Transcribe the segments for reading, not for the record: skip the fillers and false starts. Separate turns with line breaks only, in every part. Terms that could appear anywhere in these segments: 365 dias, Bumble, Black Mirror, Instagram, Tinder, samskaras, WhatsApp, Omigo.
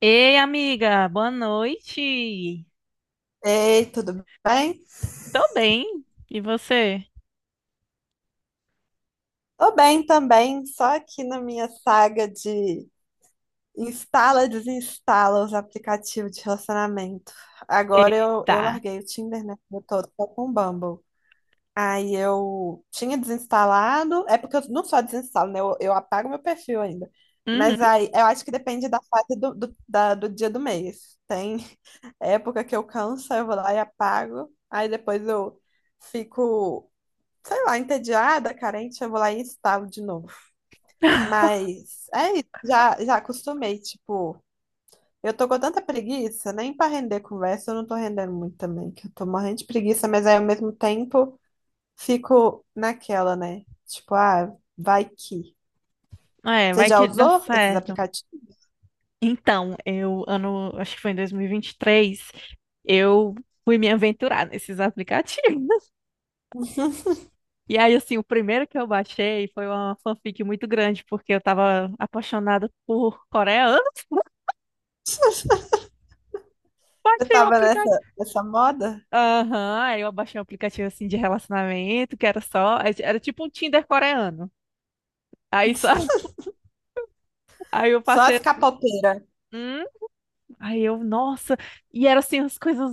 Ei, amiga, boa noite.
Ei, tudo bem?
Tô bem. E você?
Tô bem também, só aqui na minha saga de instala e desinstala os aplicativos de relacionamento. Agora eu,
Eita.
eu larguei o Tinder, né? Eu tô com o Bumble. Aí eu tinha desinstalado, é porque eu não só desinstalo, né? Eu apago meu perfil ainda.
Uhum.
Mas aí eu acho que depende da fase do dia do mês. Tem época que eu canso, aí eu vou lá e apago, aí depois eu fico. Sei lá, entediada, carente, eu vou lá e instalo de novo. Mas é isso, já acostumei, tipo, eu tô com tanta preguiça, nem pra render conversa, eu não tô rendendo muito também, que eu tô morrendo de preguiça, mas aí ao mesmo tempo fico naquela, né? Tipo, ah, vai que.
É,
Você
vai
já
que dá
usou esses
certo.
aplicativos?
Então, acho que foi em dois mil e vinte e três, eu fui me aventurar nesses aplicativos. E aí, assim, o primeiro que eu baixei foi uma fanfic muito grande, porque eu tava apaixonada por coreano.
Você
Baixei o
tava
aplicativo.
nessa moda?
Aham, aí eu baixei um aplicativo, assim, de relacionamento, que era só. Era tipo um Tinder coreano. Aí só. Aí eu
Só
passei
as
assim.
capopeiras
Hum? Aí eu, nossa, e eram assim as coisas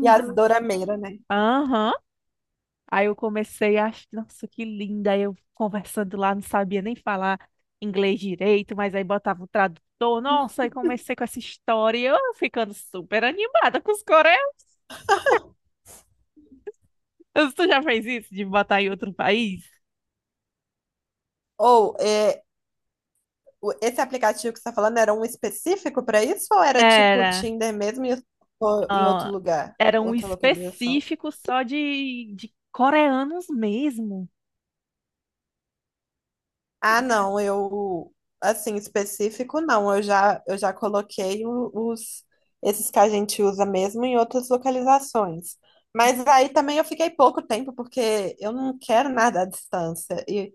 e as dorameiras, né?
Aham. Aí eu comecei nossa, que linda. Aí eu conversando lá, não sabia nem falar inglês direito, mas aí botava o tradutor. Nossa, aí comecei com essa história, e eu ficando super animada com os coreanos. Tu já fez isso de botar em outro país?
Ou é, esse aplicativo que você está falando era um específico para isso ou era tipo
Era,
Tinder mesmo e ou em outro
ah,
lugar,
era um
outra localização?
específico só de coreanos mesmo.
Ah, não, eu assim específico não, eu já coloquei os esses que a gente usa mesmo em outras localizações. Mas aí também eu fiquei pouco tempo porque eu não quero nada à distância e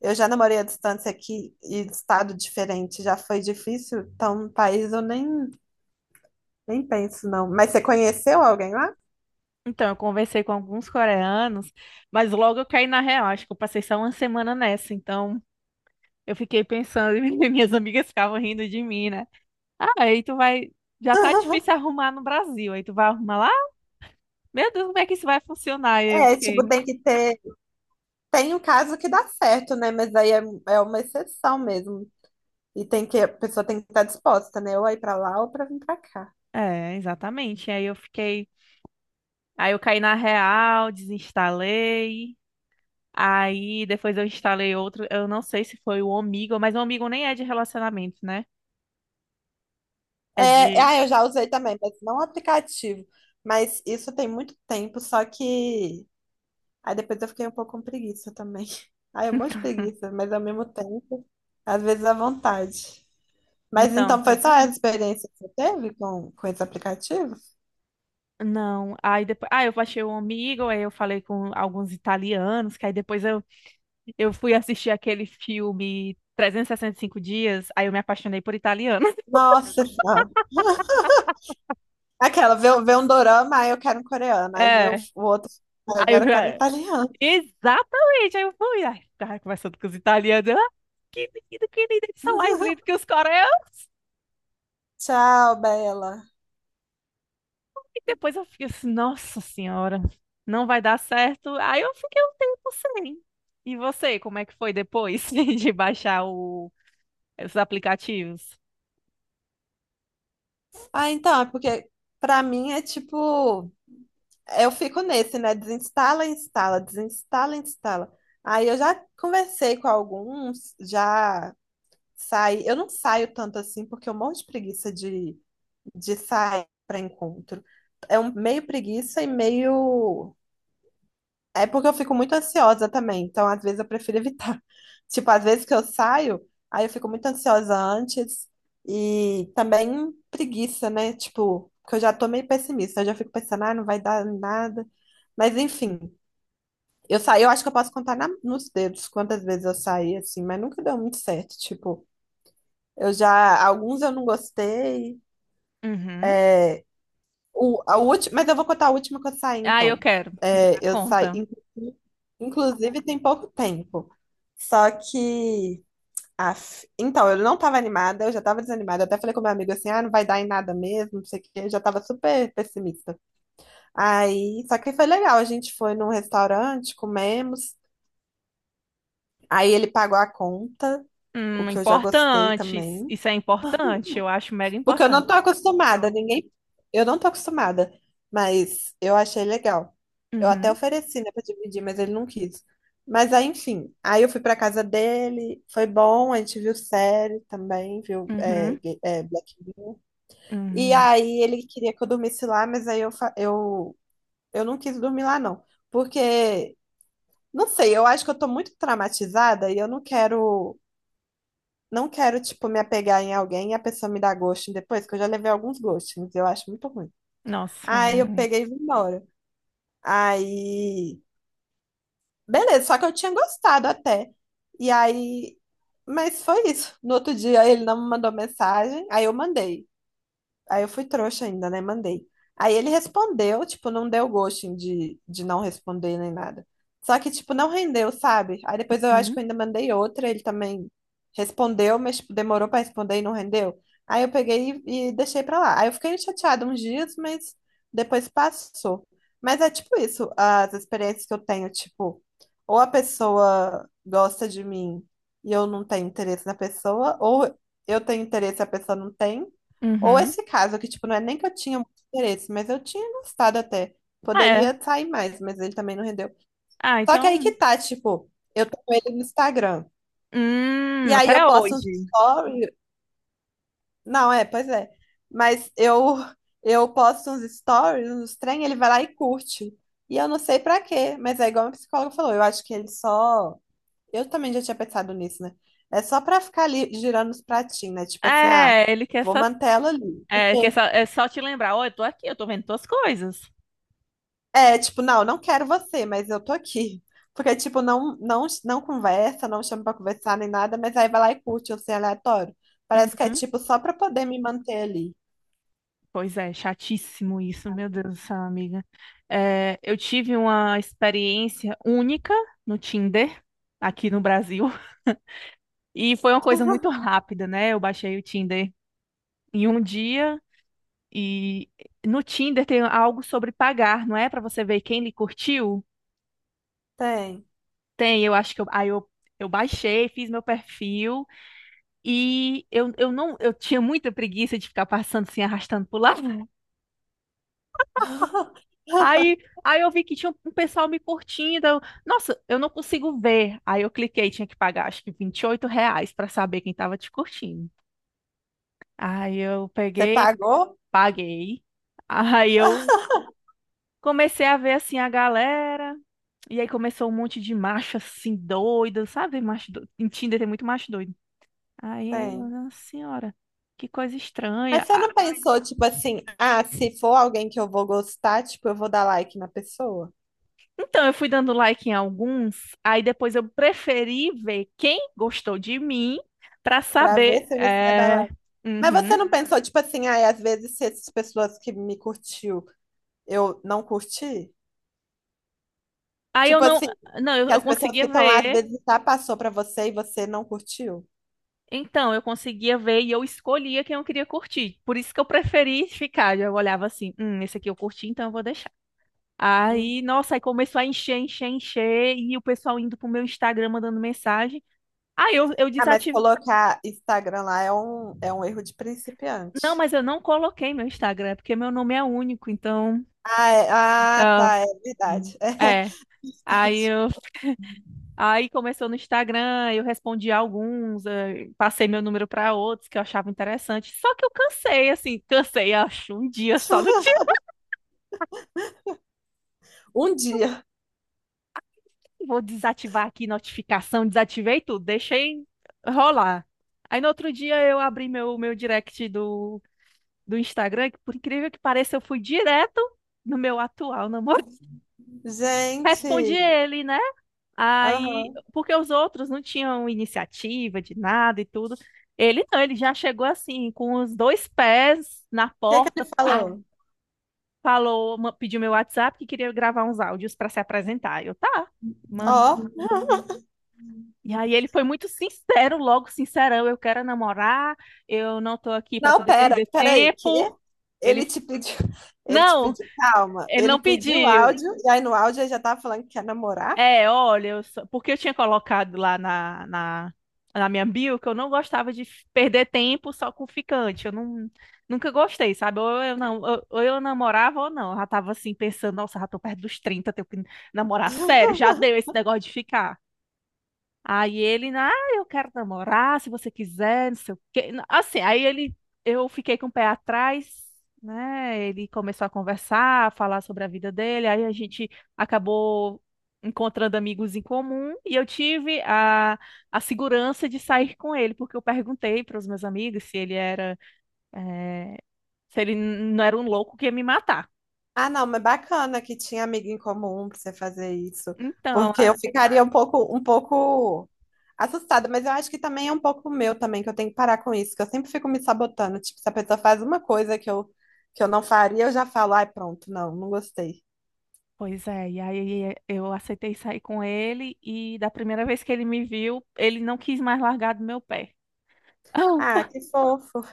eu já namorei à distância aqui em estado diferente, já foi difícil, então no país eu nem penso não. Mas você conheceu alguém lá?
Então, eu conversei com alguns coreanos, mas logo eu caí na real. Acho que eu passei só uma semana nessa. Então, eu fiquei pensando, e minhas amigas ficavam rindo de mim, né? Ah, aí tu vai. Já tá difícil arrumar no Brasil. Aí tu vai arrumar lá? Meu Deus, como é que isso vai funcionar? E eu
É,
fiquei.
tipo, tem que ter. Tem um caso que dá certo, né? Mas aí é, é uma exceção mesmo. E tem que, a pessoa tem que estar disposta, né? Ou a ir pra lá ou pra vir pra cá.
É, exatamente. Aí eu fiquei. Aí eu caí na real, desinstalei. Aí depois eu instalei outro. Eu não sei se foi o Omigo, mas o Omigo nem é de relacionamento, né? É de.
Eu já usei também, mas não aplicativo. Mas isso tem muito tempo, só que. Aí depois eu fiquei um pouco com preguiça também. Ai, é um monte de preguiça, mas ao mesmo tempo, às vezes à vontade. Mas
Então,
então foi
pois
só
é.
essa experiência que você teve com esse aplicativo?
Não, aí depois, eu achei um amigo, aí eu falei com alguns italianos, que aí depois eu fui assistir aquele filme 365 dias, aí eu me apaixonei por italiano.
Nossa Senhora! Aquela, vê um dorama, aí eu quero um coreano. Aí vê o,
É,
o outro, "Ah,
aí
agora eu quero um italiano."
exatamente, aí eu fui, aí ficava conversando com os italianos, que menino, que lindo, eles são mais lindos que os coreanos,
Tchau, Bela.
e depois eu fiquei assim, nossa senhora, não vai dar certo, aí eu fiquei um tempo sem. E você, como é que foi depois de baixar esses aplicativos?
Ah, então, é porque pra mim é tipo, eu fico nesse, né? Desinstala, instala, desinstala, instala. Aí eu já conversei com alguns, já saí. Eu não saio tanto assim porque eu morro de preguiça de sair pra encontro. É um meio preguiça e meio. É porque eu fico muito ansiosa também, então às vezes eu prefiro evitar. Tipo, às vezes que eu saio, aí eu fico muito ansiosa antes e também preguiça, né? Tipo, que eu já tô meio pessimista, eu já fico pensando, ah, não vai dar nada. Mas enfim, eu saí, eu acho que eu posso contar nos dedos quantas vezes eu saí assim, mas nunca deu muito certo. Tipo, eu já, alguns eu não gostei.
Uhum.
É, o, a última, mas eu vou contar a última que eu saí,
Ah, eu
então.
quero. Já dá
É, eu saí.
conta.
Inclusive, tem pouco tempo. Só que. Af, então, eu não estava animada, eu já estava desanimada. Eu até falei com meu amigo assim: ah, não vai dar em nada mesmo, não sei o quê. Eu já estava super pessimista. Aí, só que foi legal. A gente foi num restaurante, comemos. Aí ele pagou a conta, o que eu já gostei
Importante. Isso
também.
isso é importante. Eu acho mega
Porque eu
importante.
não tô acostumada, ninguém. Eu não tô acostumada, mas eu achei legal. Eu até
Uhum,
ofereci, né, pra dividir, mas ele não quis. Mas aí, enfim, aí eu fui pra casa dele, foi bom, a gente viu série também, viu é,
uhum,
Black Mirror. E
uhum.
aí ele queria que eu dormisse lá, mas aí eu não quis dormir lá, não. Porque, não sei, eu acho que eu tô muito traumatizada e eu não quero. Não quero, tipo, me apegar em alguém e a pessoa me dar ghosting depois, que eu já levei alguns ghostings, eu acho muito ruim.
Nossa,
Aí eu
é.
peguei e vim embora. Aí, beleza, só que eu tinha gostado até. E aí, mas foi isso. No outro dia ele não me mandou mensagem, aí eu mandei. Aí eu fui trouxa ainda, né? Mandei. Aí ele respondeu, tipo, não deu gosto de não responder nem nada. Só que, tipo, não rendeu, sabe? Aí depois eu acho
Uhum,
que eu ainda mandei outra, ele também respondeu, mas, tipo, demorou pra responder e não rendeu. Aí eu peguei e deixei pra lá. Aí eu fiquei chateada uns dias, mas depois passou. Mas é tipo isso, as experiências que eu tenho, tipo, ou a pessoa gosta de mim e eu não tenho interesse na pessoa, ou eu tenho interesse e a pessoa não tem. Ou
uhum.
esse caso, que, tipo, não é nem que eu tinha muito interesse, mas eu tinha gostado até.
Ah, é.
Poderia sair mais, mas ele também não rendeu.
Ah,
Só que aí que
então.
tá, tipo, eu tô com ele no Instagram. E aí
Até
eu posto uns
hoje.
stories. Não, é, pois é. Mas eu posto uns stories, uns trem, ele vai lá e curte. E eu não sei pra quê, mas é igual a psicóloga falou, eu acho que ele só. Eu também já tinha pensado nisso, né? É só pra ficar ali girando os pratinhos, né? Tipo assim, ah,
É, ele quer
vou
só,
manter ela ali.
é, quer
Porque
só, é só te lembrar. Ó, eu tô aqui, eu tô vendo tuas coisas.
é, tipo, não, não quero você, mas eu tô aqui. Porque, tipo, não conversa, não chama pra conversar nem nada, mas aí vai lá e curte, assim, aleatório. Parece que é,
Uhum.
tipo, só pra poder me manter ali.
Pois é, chatíssimo isso, meu Deus do céu, amiga. É, eu tive uma experiência única no Tinder, aqui no Brasil. E foi uma coisa muito rápida, né? Eu baixei o Tinder em um dia e no Tinder tem algo sobre pagar, não é? Pra você ver quem lhe curtiu.
Tem.
Tem, eu acho que eu baixei, fiz meu perfil e eu não eu tinha muita preguiça de ficar passando assim, arrastando pro lado. Aí, aí, eu vi que tinha um pessoal me curtindo. Eu, nossa, eu não consigo ver. Aí eu cliquei, tinha que pagar acho que R$ 28 pra saber quem tava te curtindo. Aí eu
Você
peguei,
pagou?
paguei. Aí eu comecei a ver assim a galera, e aí começou um monte de macho assim doido, sabe? Macho doido. Em Tinder tem muito macho doido. Aí, eu,
Tem.
nossa senhora, que coisa estranha.
Mas você
Ah,
não pensou, tipo assim, ah, se for alguém que eu vou gostar, tipo, eu vou dar like na pessoa?
então eu fui dando like em alguns, aí depois eu preferi ver quem gostou de mim pra
Pra ver
saber.
se você vai dar
É.
like. Mas você
Uhum.
não pensou, tipo assim, ah, às vezes se essas pessoas que me curtiu, eu não curti?
Aí eu
Tipo
não,
assim,
não, eu,
que
eu
as pessoas
conseguia
que estão lá
ver.
às vezes já passou pra você e você não curtiu.
Então, eu conseguia ver e eu escolhia quem eu queria curtir. Por isso que eu preferi ficar. Eu olhava assim, esse aqui eu curti, então eu vou.
Hum.
Aí, nossa, aí começou a encher, encher, encher, e o pessoal indo pro meu Instagram mandando mensagem. Aí eu
Ah, mas
desativei.
colocar Instagram lá é um erro de
Não,
principiante.
mas eu não coloquei meu Instagram, porque meu nome é único, então. Tá,
Tá, é verdade.
é.
É
Aí
verdade.
eu, aí começou no Instagram, eu respondi alguns, passei meu número para outros que eu achava interessante. Só que eu cansei, assim, cansei, acho, um dia só no dia.
Um dia.
Vou desativar aqui notificação, desativei tudo, deixei rolar. Aí no outro dia eu abri meu direct do Instagram, que por incrível que pareça, eu fui direto no meu atual namorado. Respondi
Gente,
ele, né?
aham.
Aí,
O
porque os outros não tinham iniciativa de nada e tudo. Ele não, ele já chegou assim, com os dois pés na
que que
porta,
ele
pá,
falou?
falou, pediu meu WhatsApp que queria gravar uns áudios para se apresentar. Eu, tá, manda.
Ó,
E aí ele foi muito sincero, logo sincerão, eu quero namorar, eu não tô aqui para
não,
poder
pera,
perder
peraí, que
tempo. Ele,
ele te pediu, ele te
não,
pediu calma,
ele
ele
não
pediu
pediu.
áudio, e aí no áudio ele já tava falando que quer namorar.
É, olha, eu porque eu tinha colocado lá na minha bio que eu não gostava de perder tempo só com ficante. Eu não, nunca gostei, sabe? Ou eu, não, ou eu namorava ou não. Eu já tava assim pensando, nossa, já tô perto dos 30, tenho que namorar sério, já deu esse negócio de ficar. Aí ele, eu quero namorar, se você quiser, não sei o quê. Assim, eu fiquei com o pé atrás, né? Ele começou a conversar, a falar sobre a vida dele, aí a gente acabou encontrando amigos em comum e eu tive a segurança de sair com ele, porque eu perguntei para os meus amigos eh, se ele não era um louco que ia me matar.
Ah, não, mas bacana que tinha amigo em comum pra você fazer isso.
Então,
Porque eu ficaria um pouco assustada, mas eu acho que também é um pouco meu também, que eu tenho que parar com isso, que eu sempre fico me sabotando. Tipo, se a pessoa faz uma coisa que eu não faria, eu já falo, ai, pronto, não, não gostei.
pois é, e aí eu aceitei sair com ele e da primeira vez que ele me viu, ele não quis mais largar do meu pé.
Ah, que fofo.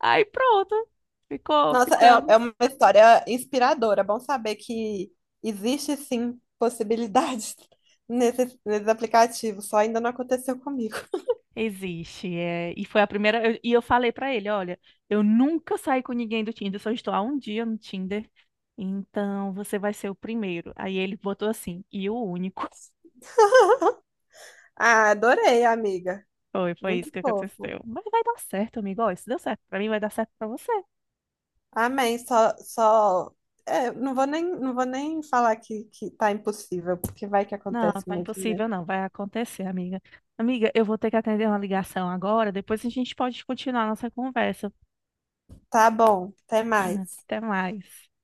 Aí pronto, ficou,
Nossa, é, é
ficamos.
uma história inspiradora. É bom saber que existe sim possibilidades nesses aplicativos, só ainda não aconteceu comigo.
Existe, é, e foi a primeira, e eu falei pra ele, olha, eu nunca saí com ninguém do Tinder, só estou há um dia no Tinder, então você vai ser o primeiro. Aí ele botou assim, e o único.
Ah, adorei, amiga.
Foi
Muito
isso que
fofo.
aconteceu. Mas vai dar certo, amigo, ó, se deu certo pra mim, vai dar certo pra você.
Amém. Só... é, não vou nem falar que tá impossível, porque vai que
Não,
acontece
tá
mesmo, né?
impossível não, vai acontecer, amiga. Amiga, eu vou ter que atender uma ligação agora, depois a gente pode continuar a nossa conversa.
Tá bom, até
Ah,
mais.
até mais.